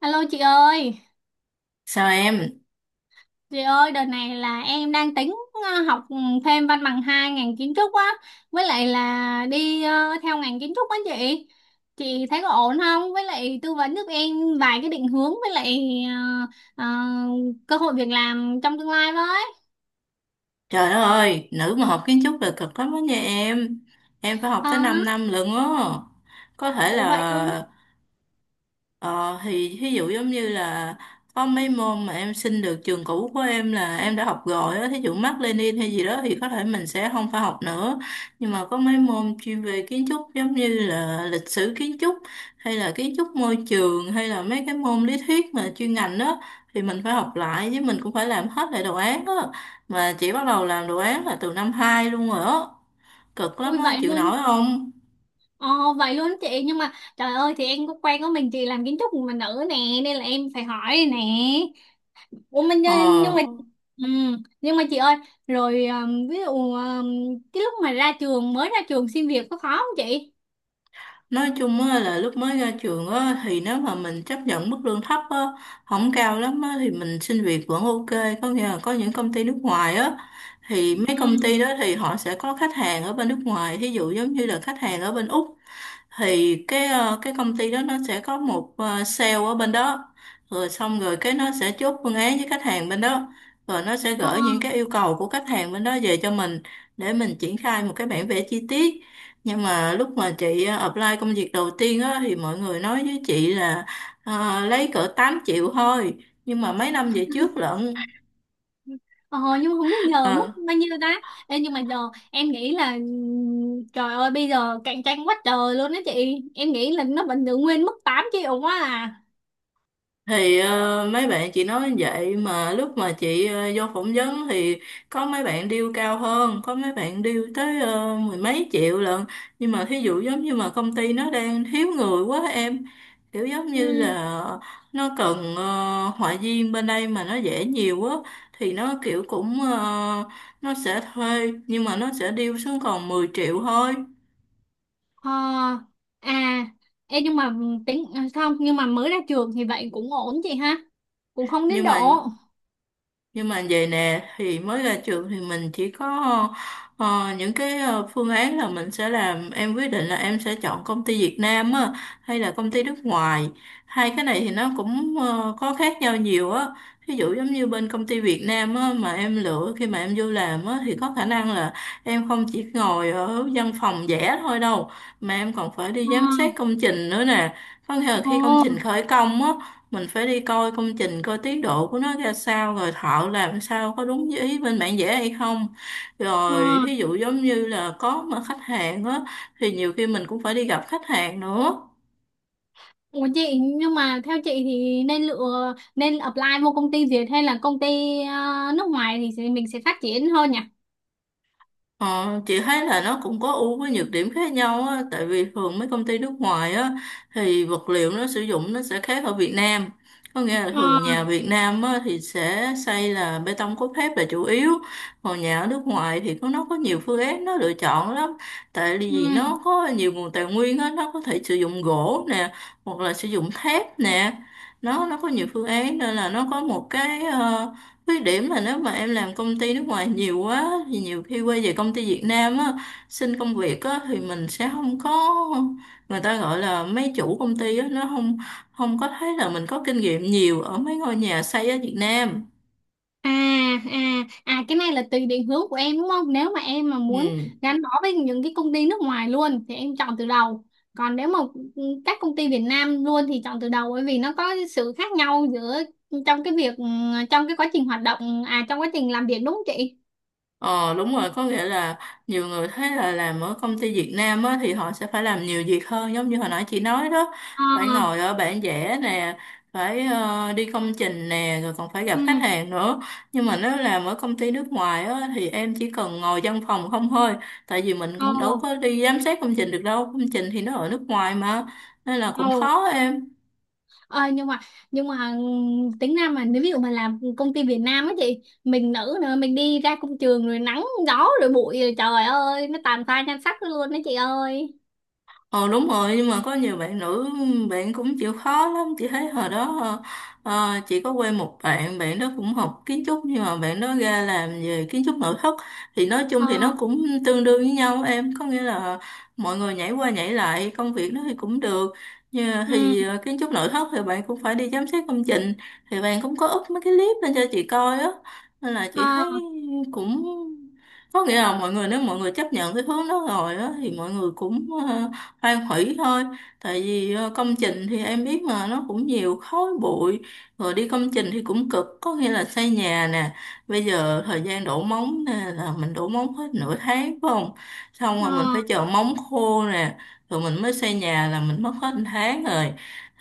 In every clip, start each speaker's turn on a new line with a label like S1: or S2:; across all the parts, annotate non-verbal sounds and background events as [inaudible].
S1: Alo
S2: Sao em?
S1: chị ơi đợt này là em đang tính học thêm văn bằng hai ngành kiến trúc á, với lại là đi theo ngành kiến trúc á chị. Chị thấy có ổn không? Với lại tư vấn giúp em vài cái định hướng với lại ờ, ờ, cơ hội việc làm trong tương lai với.
S2: Trời đất ơi, nữ mà học kiến trúc là cực lắm đó nha em. Em phải học
S1: Ờ,
S2: tới 5 năm lận á. Có thể
S1: Ủa
S2: là
S1: vậy luôn,
S2: Ờ thì ví dụ giống như là có mấy môn mà em xin được trường cũ của em là em đã học rồi á, thí dụ Mác Lênin hay gì đó thì có thể mình sẽ không phải học nữa. Nhưng mà có mấy môn chuyên về kiến trúc giống như là lịch sử kiến trúc hay là kiến trúc môi trường hay là mấy cái môn lý thuyết mà chuyên ngành đó thì mình phải học lại với mình cũng phải làm hết lại đồ án á. Mà chỉ bắt đầu làm đồ án là từ năm 2 luôn rồi á. Cực lắm
S1: ui
S2: á,
S1: vậy
S2: chịu
S1: luôn.
S2: nổi không?
S1: Ờ Vậy luôn chị, nhưng mà trời ơi thì em có quen có mình chị làm kiến trúc mà nữ nè, nên là em phải hỏi nè. Ủa mình nhưng
S2: Ờ.
S1: mà ừ, nhưng mà chị ơi, rồi ví dụ cái lúc mà ra trường mới ra trường xin việc có khó không chị?
S2: Nói chung á, là lúc mới ra trường á, thì nếu mà mình chấp nhận mức lương thấp á, không cao lắm á, thì mình xin việc vẫn ok. Có nghĩa là có những công ty nước ngoài á, thì
S1: Ừ.
S2: mấy công ty đó thì họ sẽ có khách hàng ở bên nước ngoài. Thí dụ giống như là khách hàng ở bên Úc thì cái cái công ty đó nó sẽ có một sale ở bên đó, rồi xong rồi cái nó sẽ chốt phương án với khách hàng bên đó, rồi nó sẽ
S1: Ờ,
S2: gửi những cái yêu cầu của khách hàng bên đó về cho mình để mình triển khai một cái bản vẽ chi tiết. Nhưng mà lúc mà chị apply công việc đầu tiên á thì mọi người nói với chị là lấy cỡ 8 triệu thôi, nhưng mà mấy năm về trước lận.
S1: ờ, nhưng mà không biết giờ mức
S2: ờ,
S1: bao nhiêu ta. Ê, nhưng mà giờ em nghĩ là trời ơi bây giờ cạnh tranh quá trời luôn đó chị. Em nghĩ là nó vẫn giữ nguyên mức 8 triệu quá à.
S2: thì mấy bạn chị nói vậy mà lúc mà chị vô phỏng vấn thì có mấy bạn deal cao hơn, có mấy bạn deal tới mười mấy triệu lận. Nhưng mà thí dụ giống như mà công ty nó đang thiếu người quá em, kiểu giống
S1: Ừ.
S2: như là nó cần họa viên bên đây mà nó dễ nhiều quá thì nó kiểu cũng nó sẽ thuê nhưng mà nó sẽ deal xuống còn 10 triệu thôi.
S1: Ờ, à. Ê, nhưng mà tính à, không nhưng mà mới ra trường thì vậy cũng ổn chị ha, cũng không đến
S2: nhưng
S1: độ
S2: mà Nhưng mà vậy nè thì mới ra trường thì mình chỉ có những cái phương án là mình sẽ làm, em quyết định là em sẽ chọn công ty Việt Nam á hay là công ty nước ngoài. Hai cái này thì nó cũng có khác nhau nhiều á. Ví dụ giống như bên công ty Việt Nam á mà em lựa khi mà em vô làm á thì có khả năng là em không chỉ ngồi ở văn phòng vẽ thôi đâu, mà em còn phải đi
S1: ờ,
S2: giám sát công trình nữa nè. Có nghĩa là
S1: ờ,
S2: khi công trình khởi công á, mình phải đi coi công trình, coi tiến độ của nó ra sao, rồi thợ làm sao có đúng như ý bên bản vẽ hay không, rồi
S1: ờ.
S2: thí dụ giống như là có mà khách hàng á thì nhiều khi mình cũng phải đi gặp khách hàng nữa.
S1: Ủa chị, nhưng mà theo chị thì nên lựa, nên apply vô công ty Việt hay là công ty ờ, nước ngoài thì mình sẽ phát triển hơn nhỉ?
S2: Ờ, chị thấy là nó cũng có ưu với nhược điểm khác nhau á, tại vì thường mấy công ty nước ngoài á thì vật liệu nó sử dụng nó sẽ khác ở Việt Nam. Có nghĩa là
S1: Ờ,
S2: thường nhà Việt Nam á, thì sẽ xây là bê tông cốt thép là chủ yếu, còn nhà ở nước ngoài thì có nó có nhiều phương án nó lựa chọn lắm. Tại vì
S1: ừ.
S2: nó có nhiều nguồn tài nguyên á, nó có thể sử dụng gỗ nè, hoặc là sử dụng thép nè. Nó có nhiều phương án nên là nó có một cái khuyết điểm là nếu mà em làm công ty nước ngoài nhiều quá thì nhiều khi quay về công ty Việt Nam á, xin công việc á thì mình sẽ không có, người ta gọi là mấy chủ công ty á nó không không có thấy là mình có kinh nghiệm nhiều ở mấy ngôi nhà xây ở Việt Nam.
S1: À, à, cái này là tùy định hướng của em đúng không? Nếu mà em mà muốn
S2: Ừ.
S1: gắn bó với những cái công ty nước ngoài luôn thì em chọn từ đầu. Còn nếu mà các công ty Việt Nam luôn thì chọn từ đầu, bởi vì nó có sự khác nhau giữa trong cái việc trong cái quá trình hoạt động, à trong quá trình làm việc đúng không chị?
S2: Ờ đúng rồi, có nghĩa là nhiều người thấy là làm ở công ty Việt Nam á, thì họ sẽ phải làm nhiều việc hơn giống như hồi nãy chị nói đó,
S1: Ờ,
S2: phải ngồi ở bản vẽ nè, phải đi công trình nè, rồi còn phải gặp khách
S1: ừ,
S2: hàng nữa. Nhưng mà nếu làm ở công ty nước ngoài á, thì em chỉ cần ngồi văn phòng không thôi, tại vì mình cũng đâu
S1: ồ,
S2: có đi giám sát công trình được đâu, công trình thì nó ở nước ngoài mà, nên là cũng
S1: ồ.
S2: khó em.
S1: Ờ, nhưng mà tính ra mà nếu ví dụ mà làm công ty Việt Nam á chị, mình nữ nữa, mình đi ra công trường rồi nắng gió rồi bụi rồi trời ơi nó tàn phai nhan sắc luôn đấy chị ơi.
S2: Ờ đúng rồi, nhưng mà có nhiều bạn nữ bạn cũng chịu khó lắm, chị thấy hồi đó chị có quen một bạn, bạn đó cũng học kiến trúc nhưng mà bạn đó ra làm về kiến trúc nội thất, thì nói
S1: ờ
S2: chung thì nó cũng tương đương với nhau em, có nghĩa là mọi người nhảy qua nhảy lại công việc nó thì cũng được. Nhưng mà
S1: ừ.
S2: thì kiến trúc nội thất thì bạn cũng phải đi giám sát công trình, thì bạn cũng có up mấy cái clip lên cho chị coi á, nên là chị
S1: ờ
S2: thấy cũng có nghĩa là mọi người, nếu mọi người chấp nhận cái hướng đó rồi á thì mọi người cũng hoang hủy thôi. Tại vì công trình thì em biết mà nó cũng nhiều khói bụi, rồi đi công trình thì cũng cực, có nghĩa là xây nhà nè, bây giờ thời gian đổ móng nè là mình đổ móng hết 1/2 tháng phải không, xong rồi
S1: ờ
S2: mình phải chờ móng khô nè, rồi mình mới xây nhà là mình mất hết 1 tháng rồi,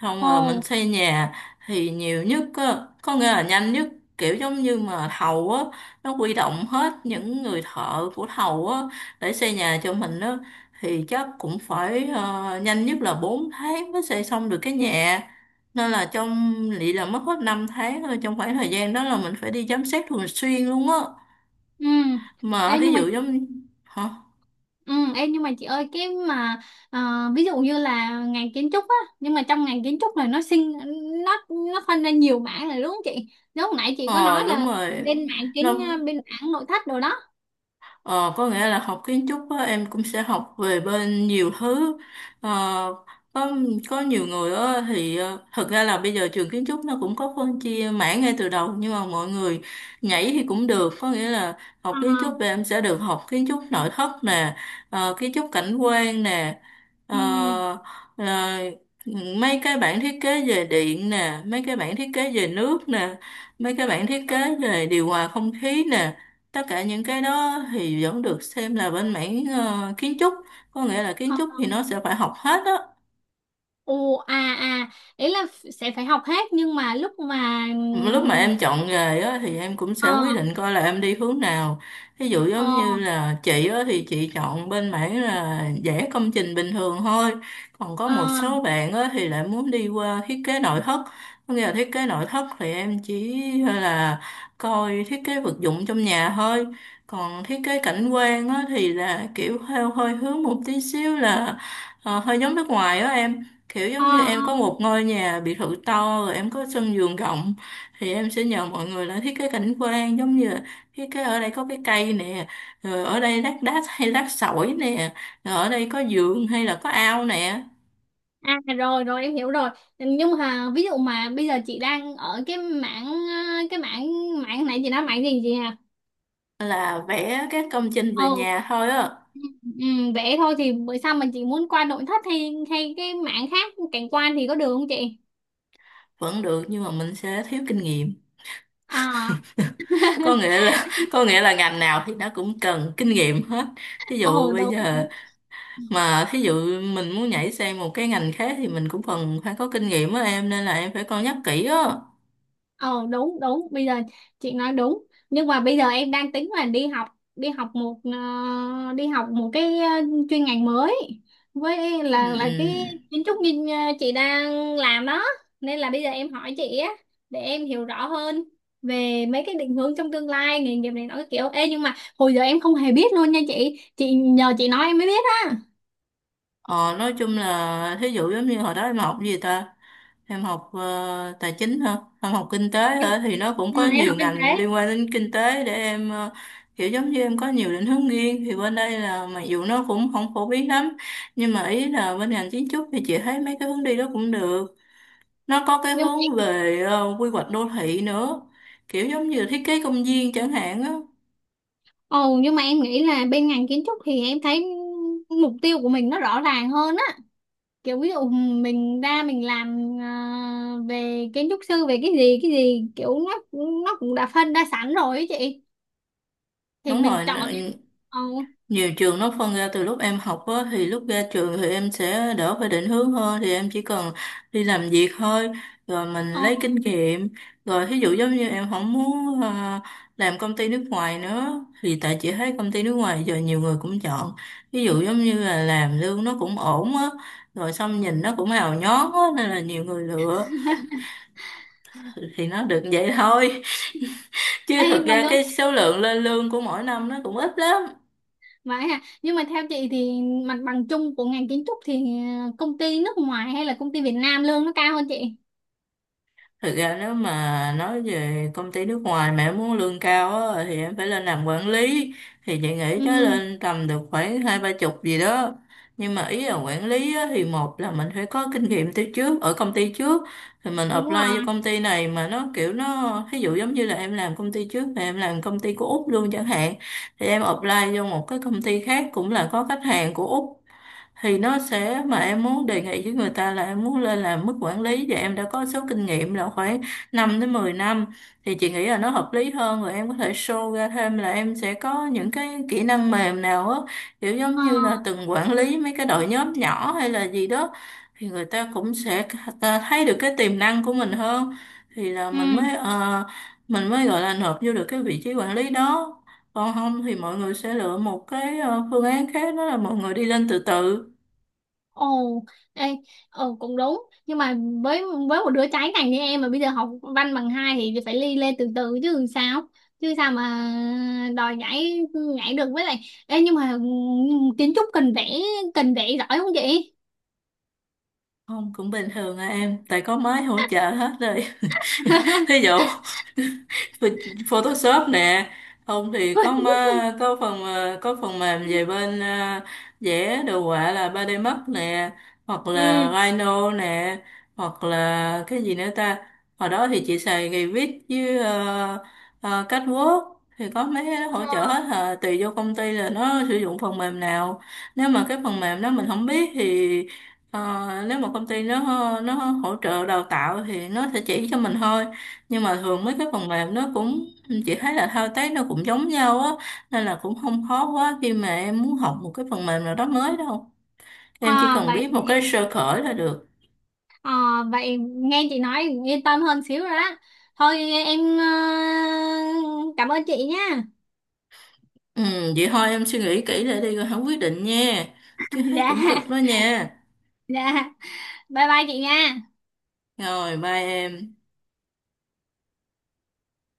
S2: xong rồi mình
S1: Ồ.
S2: xây nhà thì nhiều nhất á, có nghĩa là nhanh nhất, kiểu giống như mà thầu á nó huy động hết những người thợ của thầu á để xây nhà cho mình á thì chắc cũng phải nhanh nhất là 4 tháng mới xây xong được cái nhà, nên là trong lị là mất hết 5 tháng thôi, trong khoảng thời gian đó là mình phải đi giám sát thường xuyên luôn á.
S1: Ừ.
S2: Mà
S1: Ê,
S2: thí
S1: nhưng mà
S2: dụ
S1: chị.
S2: giống. Hả?
S1: Ừ. Ê, nhưng mà chị ơi cái mà ờ, ví dụ như là ngành kiến trúc á, nhưng mà trong ngành kiến trúc là nó phân ra nhiều mảng rồi đúng không chị? Nếu hồi nãy chị có nói
S2: Ờ đúng
S1: là
S2: rồi,
S1: bên mảng kiến
S2: nó.
S1: bên mảng nội thất đồ đó.
S2: Ờ, có nghĩa là học kiến trúc á, em cũng sẽ học về bên nhiều thứ. Ờ, có có nhiều người á, thì thật ra là bây giờ trường kiến trúc nó cũng có phân chia mảng ngay từ đầu, nhưng mà mọi người nhảy thì cũng được. Có nghĩa là học
S1: Ờ.
S2: kiến trúc thì em sẽ được học kiến trúc nội thất nè, kiến trúc cảnh quan nè,
S1: Ừ.
S2: ờ, rồi mấy cái bản thiết kế về điện nè, mấy cái bản thiết kế về nước nè, mấy cái bản thiết kế về điều hòa không khí nè, tất cả những cái đó thì vẫn được xem là bên mảng kiến trúc, có nghĩa là kiến trúc thì nó sẽ phải học hết đó.
S1: Ồ. À, à, ý là sẽ phải học hết, nhưng mà lúc mà
S2: Lúc mà
S1: ừm,
S2: em chọn nghề á, thì em cũng
S1: ờ
S2: sẽ quyết định coi là em đi hướng nào, ví dụ giống như
S1: ờ
S2: là chị á, thì chị chọn bên mảng là vẽ công trình bình thường thôi, còn có
S1: ờ
S2: một số bạn á, thì lại muốn đi qua thiết kế nội thất, có nghĩa là thiết kế nội thất thì em chỉ là coi thiết kế vật dụng trong nhà thôi. Còn thiết kế cảnh quan á, thì là kiểu theo hơi hướng một tí xíu là hơi giống nước ngoài á em, kiểu
S1: ờ
S2: giống như
S1: ờ.
S2: em có một ngôi nhà biệt thự to rồi em có sân vườn rộng thì em sẽ nhờ mọi người là thiết kế cảnh quan, giống như là thiết kế ở đây có cái cây nè, rồi ở đây lát đá hay lát sỏi nè, rồi ở đây có giường hay là có ao nè,
S1: À, rồi rồi, em hiểu rồi. Nhưng mà ví dụ mà bây giờ chị đang ở cái mảng mảng này, chị nói mảng gì chị hả?
S2: là vẽ các công trình về
S1: Ồ.
S2: nhà thôi á.
S1: Ừ, ừ, vẽ thôi thì bữa sau mà chị muốn qua nội thất hay hay cái mảng khác, cảnh quan, thì có được không chị?
S2: Vẫn được, nhưng mà mình sẽ thiếu kinh nghiệm.
S1: À.
S2: [laughs]
S1: [laughs]
S2: Có nghĩa là ngành nào thì nó cũng cần kinh nghiệm hết, thí dụ
S1: Ồ
S2: bây
S1: đúng đúng.
S2: giờ mà thí dụ mình muốn nhảy sang một cái ngành khác thì mình cũng cần phải có kinh nghiệm á em, nên là em phải cân nhắc kỹ á.
S1: Ồ đúng đúng, bây giờ chị nói đúng. Nhưng mà bây giờ em đang tính là đi học một cái chuyên ngành mới, với
S2: Ừ.
S1: là cái
S2: Ừ.
S1: kiến trúc như chị đang làm đó. Nên là bây giờ em hỏi chị á, để em hiểu rõ hơn về mấy cái định hướng trong tương lai nghề nghiệp này, nó cái kiểu, ê nhưng mà hồi giờ em không hề biết luôn nha chị nhờ chị nói em mới biết á.
S2: Ờ, nói chung là thí dụ giống như hồi đó em học gì ta, em học tài chính hả, em học kinh tế
S1: em,
S2: hả? Thì nó cũng có
S1: em
S2: nhiều
S1: học kinh
S2: ngành
S1: tế.
S2: liên quan đến kinh tế để em kiểu giống như em có nhiều định hướng riêng. Thì bên đây là mặc dù nó cũng không phổ biến lắm, nhưng mà ý là bên ngành kiến trúc thì chị thấy mấy cái hướng đi đó cũng được. Nó có cái hướng về quy hoạch đô thị nữa, kiểu giống như thiết kế công viên chẳng hạn á.
S1: Ồ, nhưng mà em nghĩ là bên ngành kiến trúc thì em thấy mục tiêu của mình nó rõ ràng hơn á, kiểu ví dụ mình ra mình làm, à, về kiến trúc sư, về cái gì cái gì, kiểu nó cũng đã phân ra sẵn rồi ấy chị, thì
S2: Đúng
S1: mình
S2: rồi.
S1: chọn. Ồ.
S2: Nhiều trường nó phân ra từ lúc em học á, thì lúc ra trường thì em sẽ đỡ phải định hướng hơn, thì em chỉ cần đi làm việc thôi, rồi mình lấy
S1: Ồ.
S2: kinh nghiệm. Rồi thí dụ giống như em không muốn làm công ty nước ngoài nữa, thì tại chị thấy công ty nước ngoài giờ nhiều người cũng chọn, ví dụ giống như là làm lương nó cũng ổn á, rồi xong nhìn nó cũng hào nhoáng á nên là nhiều người lựa, thì nó được vậy thôi. [laughs] Chứ
S1: Ê
S2: thực
S1: mà
S2: ra
S1: lương,
S2: cái số lượng lên lương của mỗi năm nó cũng ít lắm.
S1: vậy hả? Nhưng mà theo chị thì mặt bằng chung của ngành kiến trúc thì công ty nước ngoài hay là công ty Việt Nam lương nó cao hơn chị?
S2: Thực ra nếu mà nói về công ty nước ngoài mà em muốn lương cao á, thì em phải lên làm quản lý, thì chị nghĩ tới
S1: Ừ.
S2: lên tầm được khoảng 20 30 chục gì đó. Nhưng mà ý là quản lý á, thì một là mình phải có kinh nghiệm từ trước ở công ty trước, thì mình
S1: Đúng
S2: apply
S1: rồi.
S2: cho công ty này, mà nó kiểu nó ví dụ giống như là em làm công ty trước mà em làm công ty của Úc luôn chẳng hạn, thì em apply vô một cái công ty khác cũng là có khách hàng của Úc, thì nó sẽ, mà em muốn đề nghị với người ta là em muốn lên làm mức quản lý và em đã có số kinh nghiệm là khoảng 5 đến 10 năm, thì chị nghĩ là nó hợp lý hơn. Rồi em có thể show ra thêm là em sẽ có những cái kỹ năng mềm nào á, kiểu giống
S1: Ờ.
S2: như là từng quản lý mấy cái đội nhóm nhỏ hay là gì đó, thì người ta cũng sẽ, ta thấy được cái tiềm năng của mình hơn, thì là mình
S1: Ừ.
S2: mới mình mới gọi là nộp vô được cái vị trí quản lý đó. Còn không thì mọi người sẽ lựa một cái phương án khác, đó là mọi người đi lên từ từ.
S1: Ồ. Ê. Ồ cũng đúng, nhưng mà với một đứa trái ngành như em mà bây giờ học văn bằng hai thì phải ly lên từ từ chứ sao mà đòi nhảy nhảy được. Với lại, ê, nhưng mà kiến trúc cần vẽ giỏi không chị?
S2: Không, cũng bình thường à em, tại có máy hỗ trợ hết rồi. [laughs] Thí
S1: [laughs]
S2: dụ, Photoshop nè, không thì có có phần có phần mềm về bên vẽ đồ họa, là 3D Max nè, hoặc
S1: Ừ.
S2: là Rhino nè, hoặc là cái gì nữa ta, hồi đó thì chị xài Revit với CatWalk, thì có mấy cái đó hỗ trợ
S1: Ờ,
S2: hết à. Tùy vô công ty là nó sử dụng phần mềm nào, nếu mà cái phần mềm đó mình không biết thì nếu mà công ty nó hỗ trợ đào tạo thì nó sẽ chỉ cho mình thôi. Nhưng mà thường mấy cái phần mềm nó cũng, chị thấy là thao tác nó cũng giống nhau á, nên là cũng không khó quá khi mà em muốn học một cái phần mềm nào đó mới đâu, em chỉ
S1: à,
S2: cần biết một cái sơ khởi là được.
S1: à, vậy nghe chị nói yên tâm hơn xíu rồi đó, thôi em cảm ơn chị nha.
S2: Ừ, vậy thôi em suy nghĩ kỹ lại đi rồi hãng quyết định nha, chứ thấy
S1: [laughs] Dạ,
S2: cũng cực đó nha.
S1: dạ, bye bye chị nha.
S2: Rồi bye em.